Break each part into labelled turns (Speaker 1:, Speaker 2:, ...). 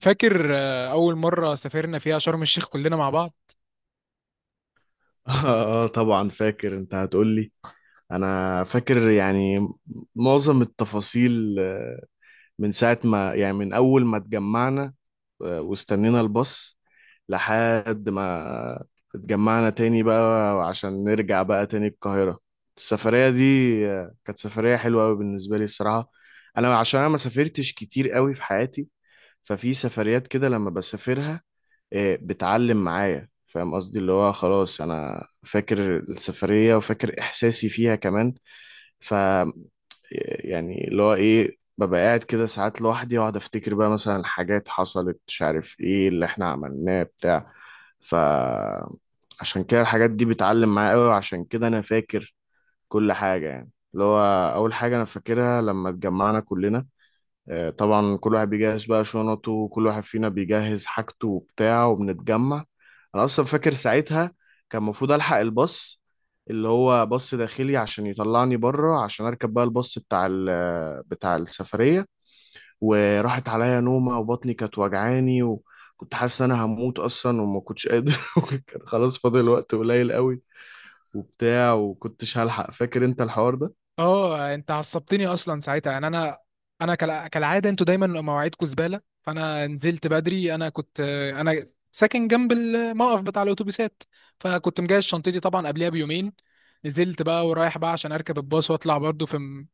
Speaker 1: فاكر اول مره سافرنا فيها شرم الشيخ كلنا مع بعض.
Speaker 2: اه طبعا فاكر انت هتقول لي. انا فاكر يعني معظم التفاصيل من ساعة ما يعني من اول ما اتجمعنا واستنينا الباص لحد ما اتجمعنا تاني بقى عشان نرجع بقى تاني القاهرة. السفرية دي كانت سفرية حلوة قوي بالنسبة لي الصراحة. انا عشان انا ما سافرتش كتير قوي في حياتي. ففي سفريات كده لما بسافرها إيه، بتعلم معايا فاهم قصدي اللي هو خلاص انا فاكر السفرية وفاكر احساسي فيها كمان. ف يعني اللي هو ايه ببقى قاعد كده ساعات لوحدي واقعد افتكر بقى مثلا حاجات حصلت مش عارف ايه اللي احنا عملناه بتاع. فعشان كده الحاجات دي بتعلم معايا قوي وعشان كده انا فاكر كل حاجة يعني اللي هو اول حاجة انا فاكرها لما اتجمعنا كلنا. طبعا كل واحد بيجهز بقى شنطه وكل واحد فينا بيجهز حاجته وبتاع وبنتجمع. انا اصلا فاكر ساعتها كان المفروض الحق الباص اللي هو باص داخلي عشان يطلعني بره عشان اركب بقى الباص بتاع بتاع السفريه. وراحت عليا نومه وبطني كانت وجعاني وكنت حاسس ان انا هموت اصلا وما كنتش قادر وكان خلاص فاضل وقت قليل قوي وبتاع وكنتش هلحق فاكر انت الحوار ده.
Speaker 1: اه انت عصبتني اصلا ساعتها يعني انا كالعاده انتوا دايما مواعيدكم زباله، فانا نزلت بدري. انا كنت آه، انا ساكن جنب الموقف بتاع الاتوبيسات، فكنت مجهز شنطتي طبعا قبلها بيومين. نزلت بقى ورايح بقى عشان اركب الباص واطلع برضو في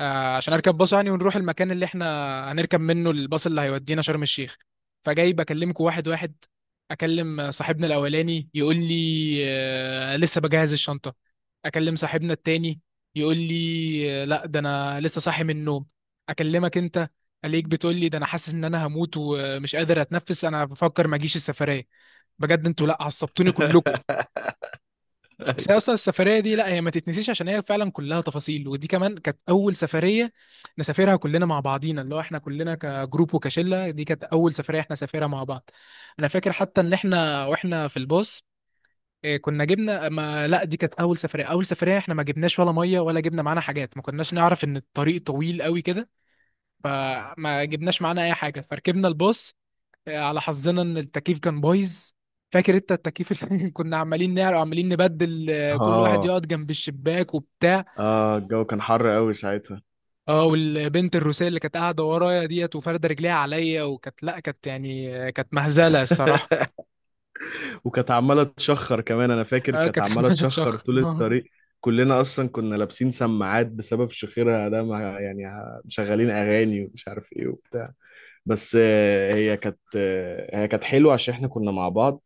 Speaker 1: عشان اركب باص يعني ونروح المكان اللي احنا هنركب منه الباص اللي هيودينا شرم الشيخ. فجاي بكلمكم واحد واحد. اكلم صاحبنا الاولاني يقول لي لسه بجهز الشنطة. اكلم صاحبنا التاني يقول لي لا ده انا لسه صاحي من النوم. اكلمك انت عليك بتقول لي ده انا حاسس ان انا هموت ومش قادر اتنفس انا بفكر ما اجيش السفرية. بجد انتوا لا عصبتوني كلكم. بس هي
Speaker 2: أيوة.
Speaker 1: اصلا السفريه دي لا هي ما تتنسيش عشان هي فعلا كلها تفاصيل، ودي كمان كانت اول سفريه نسافرها كلنا مع بعضينا، اللي هو احنا كلنا كجروب وكشله، دي كانت اول سفريه احنا سافرها مع بعض. انا فاكر حتى ان احنا واحنا في الباص، كنا جبنا ما لا دي كانت اول سفريه، اول سفريه احنا ما جبناش ولا ميه ولا جبنا معانا حاجات، ما كناش نعرف ان الطريق طويل قوي كده، فما جبناش معانا اي حاجه. فركبنا الباص على حظنا ان التكييف كان بايظ. فاكر انت التكييف اللي كنا عمالين نعرق وعمالين نبدل، كل واحد
Speaker 2: اه
Speaker 1: يقعد جنب الشباك وبتاع.
Speaker 2: اه الجو كان حر قوي ساعتها.
Speaker 1: اه والبنت الروسية اللي كانت قاعدة ورايا ديت وفاردة رجليها عليا، وكانت لا كانت يعني كانت مهزلة الصراحة.
Speaker 2: وكانت عماله تشخر كمان انا فاكر
Speaker 1: اه
Speaker 2: كانت
Speaker 1: كانت
Speaker 2: عماله
Speaker 1: عمالة
Speaker 2: تشخر
Speaker 1: تشخر
Speaker 2: طول
Speaker 1: آه،
Speaker 2: الطريق. كلنا اصلا كنا لابسين سماعات بسبب شخيرها ده مع يعني مشغلين اغاني ومش عارف ايه وبتاع. بس هي كانت هي كانت حلوه عشان احنا كنا مع بعض.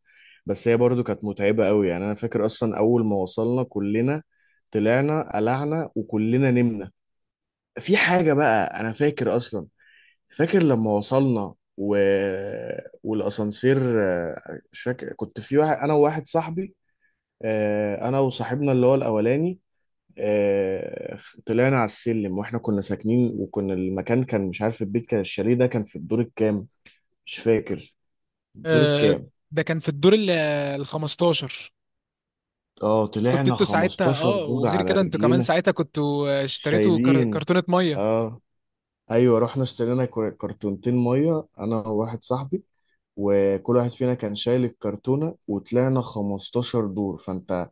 Speaker 2: بس هي برضو كانت متعبه قوي يعني انا فاكر اصلا اول ما وصلنا كلنا طلعنا قلعنا وكلنا نمنا. في حاجه بقى انا فاكر اصلا فاكر لما وصلنا. والاسانسير مش فاكر كنت في واحد انا وواحد صاحبي. انا وصاحبنا اللي هو الاولاني. آه، طلعنا على السلم واحنا كنا ساكنين وكنا المكان كان مش عارف البيت كان الشاليه ده كان في الدور الكام. مش فاكر الدور
Speaker 1: آه،
Speaker 2: الكام.
Speaker 1: ده كان في الدور ال 15.
Speaker 2: اه
Speaker 1: كنت
Speaker 2: طلعنا
Speaker 1: انتوا ساعتها
Speaker 2: 15
Speaker 1: اه،
Speaker 2: دور
Speaker 1: وغير
Speaker 2: على
Speaker 1: كده انتوا كمان
Speaker 2: رجلينا.
Speaker 1: ساعتها كنتوا، اشتريتوا
Speaker 2: شايلين
Speaker 1: كرتونة مية.
Speaker 2: اه ايوه رحنا اشترينا كرتونتين ميه انا وواحد صاحبي وكل واحد فينا كان شايل الكرتونه وطلعنا 15 دور فانت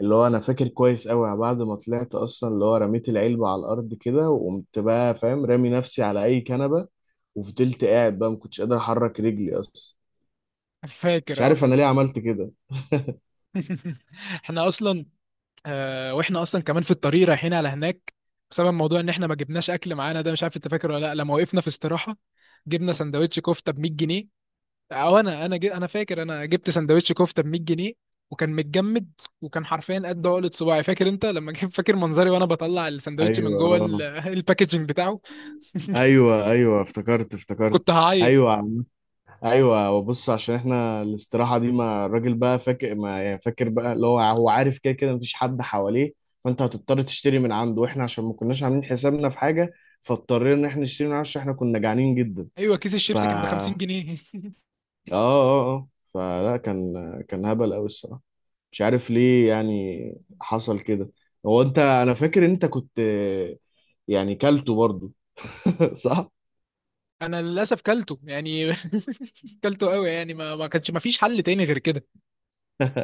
Speaker 2: اللي هو انا فاكر كويس قوي بعد ما طلعت اصلا اللي هو رميت العلبة على الارض كده وقمت بقى فاهم رامي نفسي على اي كنبة وفضلت قاعد بقى ما كنتش قادر احرك رجلي اصلا. مش
Speaker 1: فاكر اه.
Speaker 2: عارف انا ليه عملت كده.
Speaker 1: احنا اصلا واحنا اصلا كمان في الطريق رايحين على هناك، بسبب موضوع ان احنا ما جبناش اكل معانا، ده مش عارف انت فاكر ولا لا، لما وقفنا في استراحه جبنا سندوتش كفته ب 100 جنيه. او انا جي انا فاكر انا جبت سندوتش كفته ب 100 جنيه، وكان متجمد، وكان حرفيا قد عقلة صباعي. فاكر انت لما جيت فاكر منظري وانا بطلع السندوتش من
Speaker 2: ايوه
Speaker 1: جوه
Speaker 2: آه.
Speaker 1: الباكجينج بتاعه.
Speaker 2: ايوه ايوه افتكرت افتكرت.
Speaker 1: كنت
Speaker 2: ايوه
Speaker 1: هعيط.
Speaker 2: ايوه وبص عشان احنا الاستراحه دي ما الراجل بقى فاكر ما يعني فاكر بقى اللي هو هو عارف كده كده مفيش حد حواليه. فانت هتضطر تشتري من عنده واحنا عشان ما كناش عاملين حسابنا في حاجه. فاضطرينا ان احنا نشتري من عنده عشان احنا كنا جعانين جدا.
Speaker 1: ايوه كيس
Speaker 2: ف
Speaker 1: الشيبسي كان ب 50 جنيه.
Speaker 2: اه فلا كان كان هبل قوي الصراحه. مش عارف ليه يعني حصل كده. هو انت انا فاكر انت كنت يعني كلته برضو. صح.
Speaker 1: انا للاسف كلته يعني، كلته قوي يعني، ما فيش حل تاني غير كده.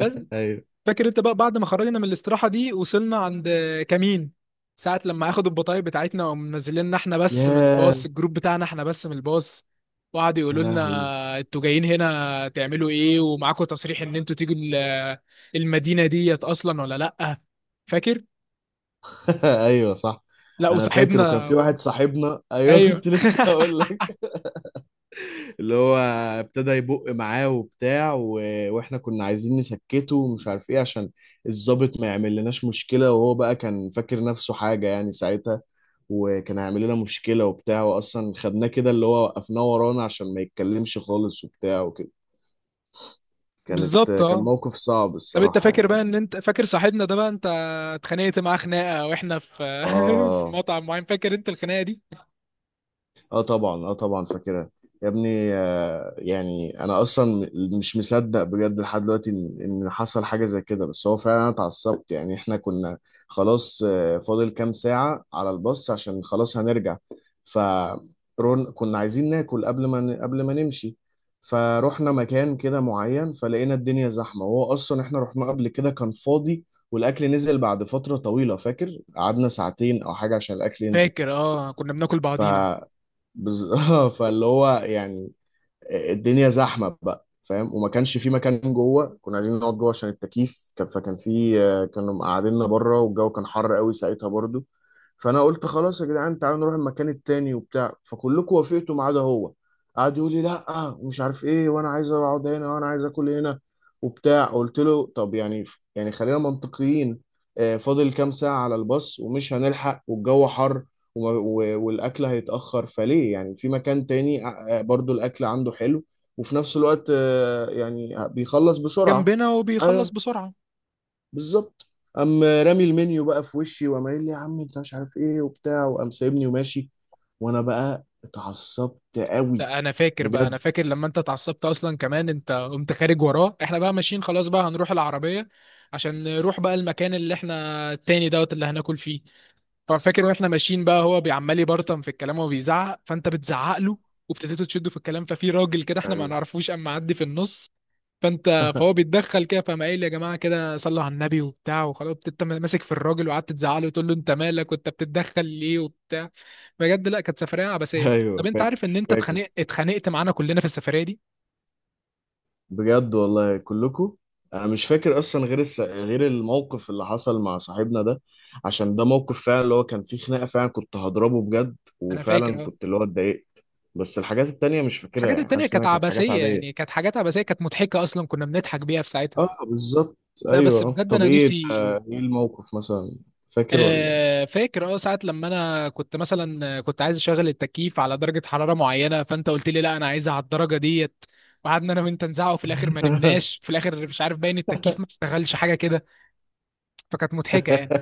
Speaker 1: بس
Speaker 2: ايوه.
Speaker 1: فاكر انت بقى بعد ما خرجنا من الاستراحة دي وصلنا عند كمين، ساعة لما اخدوا البطايق بتاعتنا ومنزلنا احنا بس من
Speaker 2: ياه
Speaker 1: الباص، الجروب بتاعنا احنا بس من الباص، وقعدوا
Speaker 2: يا
Speaker 1: يقولوا
Speaker 2: لهوي.
Speaker 1: لنا انتوا جايين هنا تعملوا ايه ومعاكم تصريح ان انتوا تيجوا المدينة ديت اصلا ولا لأ. فاكر؟
Speaker 2: ايوه صح.
Speaker 1: لا
Speaker 2: انا فاكر وكان
Speaker 1: وصاحبنا.
Speaker 2: في واحد صاحبنا ايوه كنت
Speaker 1: ايوه
Speaker 2: لسه هقول لك اللي هو ابتدى يبق معاه وبتاع. واحنا كنا عايزين نسكته ومش عارف ايه عشان الضابط ما يعمل لناش مشكلة وهو بقى كان فاكر نفسه حاجة يعني ساعتها. وكان هيعمل لنا مشكلة وبتاع واصلا خدناه كده اللي هو وقفناه ورانا عشان ما يتكلمش خالص وبتاع وكده. كانت
Speaker 1: بالظبط
Speaker 2: كان
Speaker 1: اه.
Speaker 2: موقف صعب
Speaker 1: طب انت
Speaker 2: الصراحة
Speaker 1: فاكر
Speaker 2: يعني.
Speaker 1: بقى ان انت فاكر صاحبنا ده بقى، انت اتخانقت معاه خناقة واحنا في في
Speaker 2: اه
Speaker 1: مطعم معين. فاكر انت الخناقة دي؟
Speaker 2: اه طبعا طبعا فاكرها. يا ابني يعني انا اصلا مش مصدق بجد لحد دلوقتي ان إن حصل حاجه زي كده. بس هو فعلا انا اتعصبت يعني احنا كنا خلاص فاضل كام ساعه على الباص عشان خلاص هنرجع. فرون كنا عايزين ناكل قبل ما قبل ما نمشي. فروحنا مكان كده معين فلقينا الدنيا زحمه وهو اصلا احنا رحنا قبل كده كان فاضي. والاكل نزل بعد فتره طويله فاكر قعدنا ساعتين او حاجه عشان الاكل ينزل.
Speaker 1: فاكر اه كنا بناكل
Speaker 2: ف
Speaker 1: بعضينا.
Speaker 2: بز... فاللي هو يعني الدنيا زحمه بقى فاهم وما كانش في مكان جوه كنا عايزين نقعد جوه عشان فكان في كانوا مقعديننا بره والجو كان حر قوي ساعتها برضو. فانا قلت خلاص يا جدعان تعالوا نروح المكان التاني وبتاع فكلكم وافقتوا ما عدا هو. قعد يقول لي لا ومش عارف ايه وانا عايز اقعد هنا وانا عايز اكل هنا وبتاع. قلت له طب يعني يعني خلينا منطقيين. فاضل كام ساعه على الباص ومش هنلحق والجو حر والاكل هيتاخر فليه يعني في مكان تاني برضو الاكل عنده حلو وفي نفس الوقت يعني بيخلص بسرعه.
Speaker 1: جنبنا وبيخلص
Speaker 2: ايوه
Speaker 1: بسرعة.
Speaker 2: بالظبط. قام رامي المنيو بقى في وشي وقام قايل لي يا عم انت مش عارف ايه وبتاع وقام سايبني وماشي. وانا بقى اتعصبت قوي
Speaker 1: ده انا فاكر بقى، انا
Speaker 2: بجد.
Speaker 1: فاكر لما انت اتعصبت اصلا كمان، انت قمت خارج وراه، احنا بقى ماشيين خلاص بقى هنروح العربية عشان نروح بقى المكان اللي احنا، التاني دوت اللي هناكل فيه. ففاكر واحنا ماشيين بقى هو بيعمال يبرطم في الكلام وبيزعق، فانت بتزعق له وابتديتوا تشدوا في الكلام، ففي راجل كده احنا ما
Speaker 2: ايوه
Speaker 1: نعرفوش اما معدي في النص، فهو بيتدخل كده، فقام قايل يا جماعه كده صلوا على النبي وبتاع، وخلاص انت ماسك في الراجل وقعدت تزعق له وتقول له انت مالك وانت بتتدخل ليه وبتاع. بجد لا كانت سفريه عبثيه.
Speaker 2: ايوه
Speaker 1: طب انت عارف ان
Speaker 2: فاكر
Speaker 1: انت
Speaker 2: فاكر.
Speaker 1: اتخانقت معانا كلنا في السفريه دي.
Speaker 2: بجد والله كلكم. انا مش فاكر اصلا غير غير الموقف اللي حصل مع صاحبنا ده. عشان ده موقف فعلا اللي هو كان فيه خناقه فعلا كنت هضربه بجد
Speaker 1: انا
Speaker 2: وفعلا
Speaker 1: فاكر اه.
Speaker 2: كنت اللي هو اتضايقت. بس الحاجات التانية مش فاكرها
Speaker 1: الحاجات
Speaker 2: يعني
Speaker 1: التانية
Speaker 2: حاسس انها
Speaker 1: كانت
Speaker 2: كانت حاجات
Speaker 1: عبثية يعني،
Speaker 2: عاديه.
Speaker 1: كانت حاجات عبثية، كانت مضحكة أصلا كنا بنضحك بيها في ساعتها.
Speaker 2: اه بالظبط.
Speaker 1: لا
Speaker 2: ايوه
Speaker 1: بس
Speaker 2: آه.
Speaker 1: بجد
Speaker 2: طب
Speaker 1: أنا
Speaker 2: ايه
Speaker 1: نفسي،
Speaker 2: ايه الموقف مثلا. فاكر ولا
Speaker 1: فاكر اه ساعة لما انا كنت مثلا كنت عايز اشغل التكييف على درجة حرارة معينة، فانت قلت لي لا انا عايزها على الدرجة ديت، وقعدنا انا وانت نزعق، وفي الاخر ما نمناش، في الاخر مش عارف باين التكييف ما اشتغلش حاجة كده. فكانت مضحكة يعني.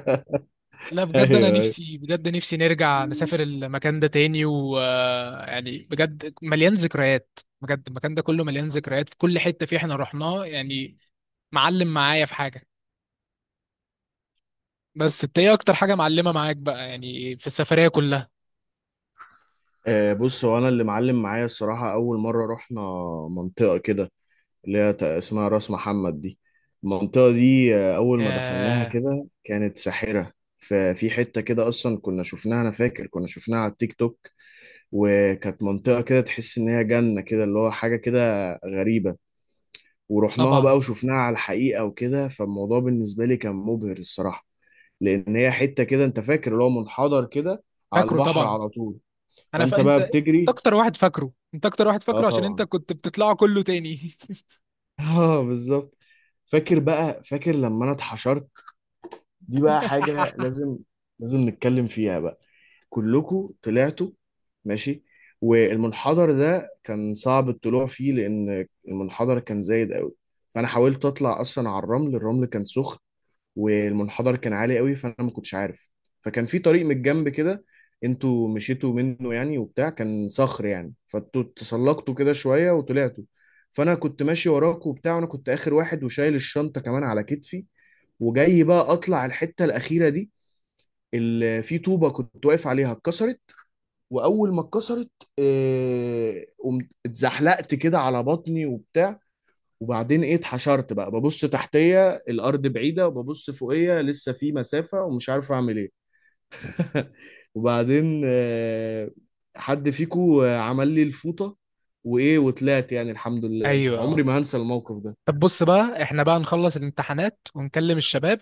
Speaker 1: لا
Speaker 2: ايوه
Speaker 1: بجد انا
Speaker 2: ايوه.
Speaker 1: نفسي، بجد نفسي نرجع نسافر المكان ده تاني، ويعني بجد مليان ذكريات، بجد المكان ده كله مليان ذكريات في كل حتة فيه احنا رحناه يعني. معلم معايا في حاجة. بس انت ايه اكتر حاجة معلمة معاك بقى يعني في السفرية كلها؟
Speaker 2: بص هو انا اللي معلم معايا الصراحه اول مره رحنا منطقه كده اللي هي اسمها راس محمد دي. المنطقة دي أول ما دخلناها
Speaker 1: ياه
Speaker 2: كده كانت ساحرة. ففي حتة كده أصلا كنا شفناها أنا فاكر كنا شفناها على التيك توك. وكانت منطقة كده تحس إن هي جنة كده اللي هو حاجة كده غريبة. ورحناها
Speaker 1: طبعا.
Speaker 2: بقى وشفناها على الحقيقة وكده فالموضوع بالنسبة لي كان مبهر الصراحة. لأن هي حتة كده أنت فاكر اللي هو منحدر كده على
Speaker 1: فاكره
Speaker 2: البحر
Speaker 1: طبعا.
Speaker 2: على طول.
Speaker 1: انا ف...
Speaker 2: فأنت بقى
Speaker 1: انت
Speaker 2: بتجري.
Speaker 1: اكتر واحد فاكره، انت اكتر واحد
Speaker 2: اه
Speaker 1: فاكره عشان انت
Speaker 2: طبعا.
Speaker 1: كنت بتطلعه كله تاني.
Speaker 2: اه بالظبط. فاكر بقى فاكر لما انا اتحشرت. دي بقى حاجة لازم لازم نتكلم فيها بقى. كلكم طلعتوا ماشي. والمنحدر ده كان صعب الطلوع فيه لأن المنحدر كان زايد قوي. فأنا حاولت أطلع أصلا على الرمل. الرمل كان سخن. والمنحدر كان عالي قوي فأنا ما كنتش عارف. فكان في طريق من الجنب كده انتوا مشيتوا منه يعني وبتاع كان صخر يعني فانتوا تسلقتوا كده شوية وطلعتوا. فأنا كنت ماشي وراكوا وبتاع وأنا كنت آخر واحد وشايل الشنطة كمان على كتفي. وجاي بقى اطلع الحته الاخيره دي اللي في طوبه كنت واقف عليها اتكسرت. واول ما اتكسرت قمت اتزحلقت كده على بطني وبتاع. وبعدين ايه اتحشرت بقى ببص تحتيا الارض بعيده وببص فوقيا لسه في مسافه ومش عارف اعمل ايه. وبعدين حد فيكو عمل لي الفوطه وايه وطلعت يعني الحمد لله عمري
Speaker 1: ايوه.
Speaker 2: ما هنسى الموقف ده.
Speaker 1: طب بص بقى، احنا بقى نخلص الامتحانات ونكلم الشباب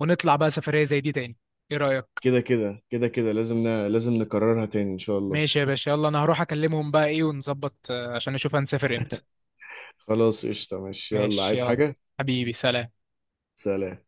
Speaker 1: ونطلع بقى سفرية زي دي تاني. ايه رأيك؟
Speaker 2: كده كده كده كده لازم لازم نكررها تاني ان شاء الله.
Speaker 1: ماشي يا باشا، يلا انا هروح اكلمهم بقى ايه ونظبط، عشان نشوف هنسافر امتى.
Speaker 2: خلاص قشطة ماشي يلا
Speaker 1: ماشي
Speaker 2: عايز
Speaker 1: يلا.
Speaker 2: حاجة.
Speaker 1: حبيبي سلام.
Speaker 2: سلام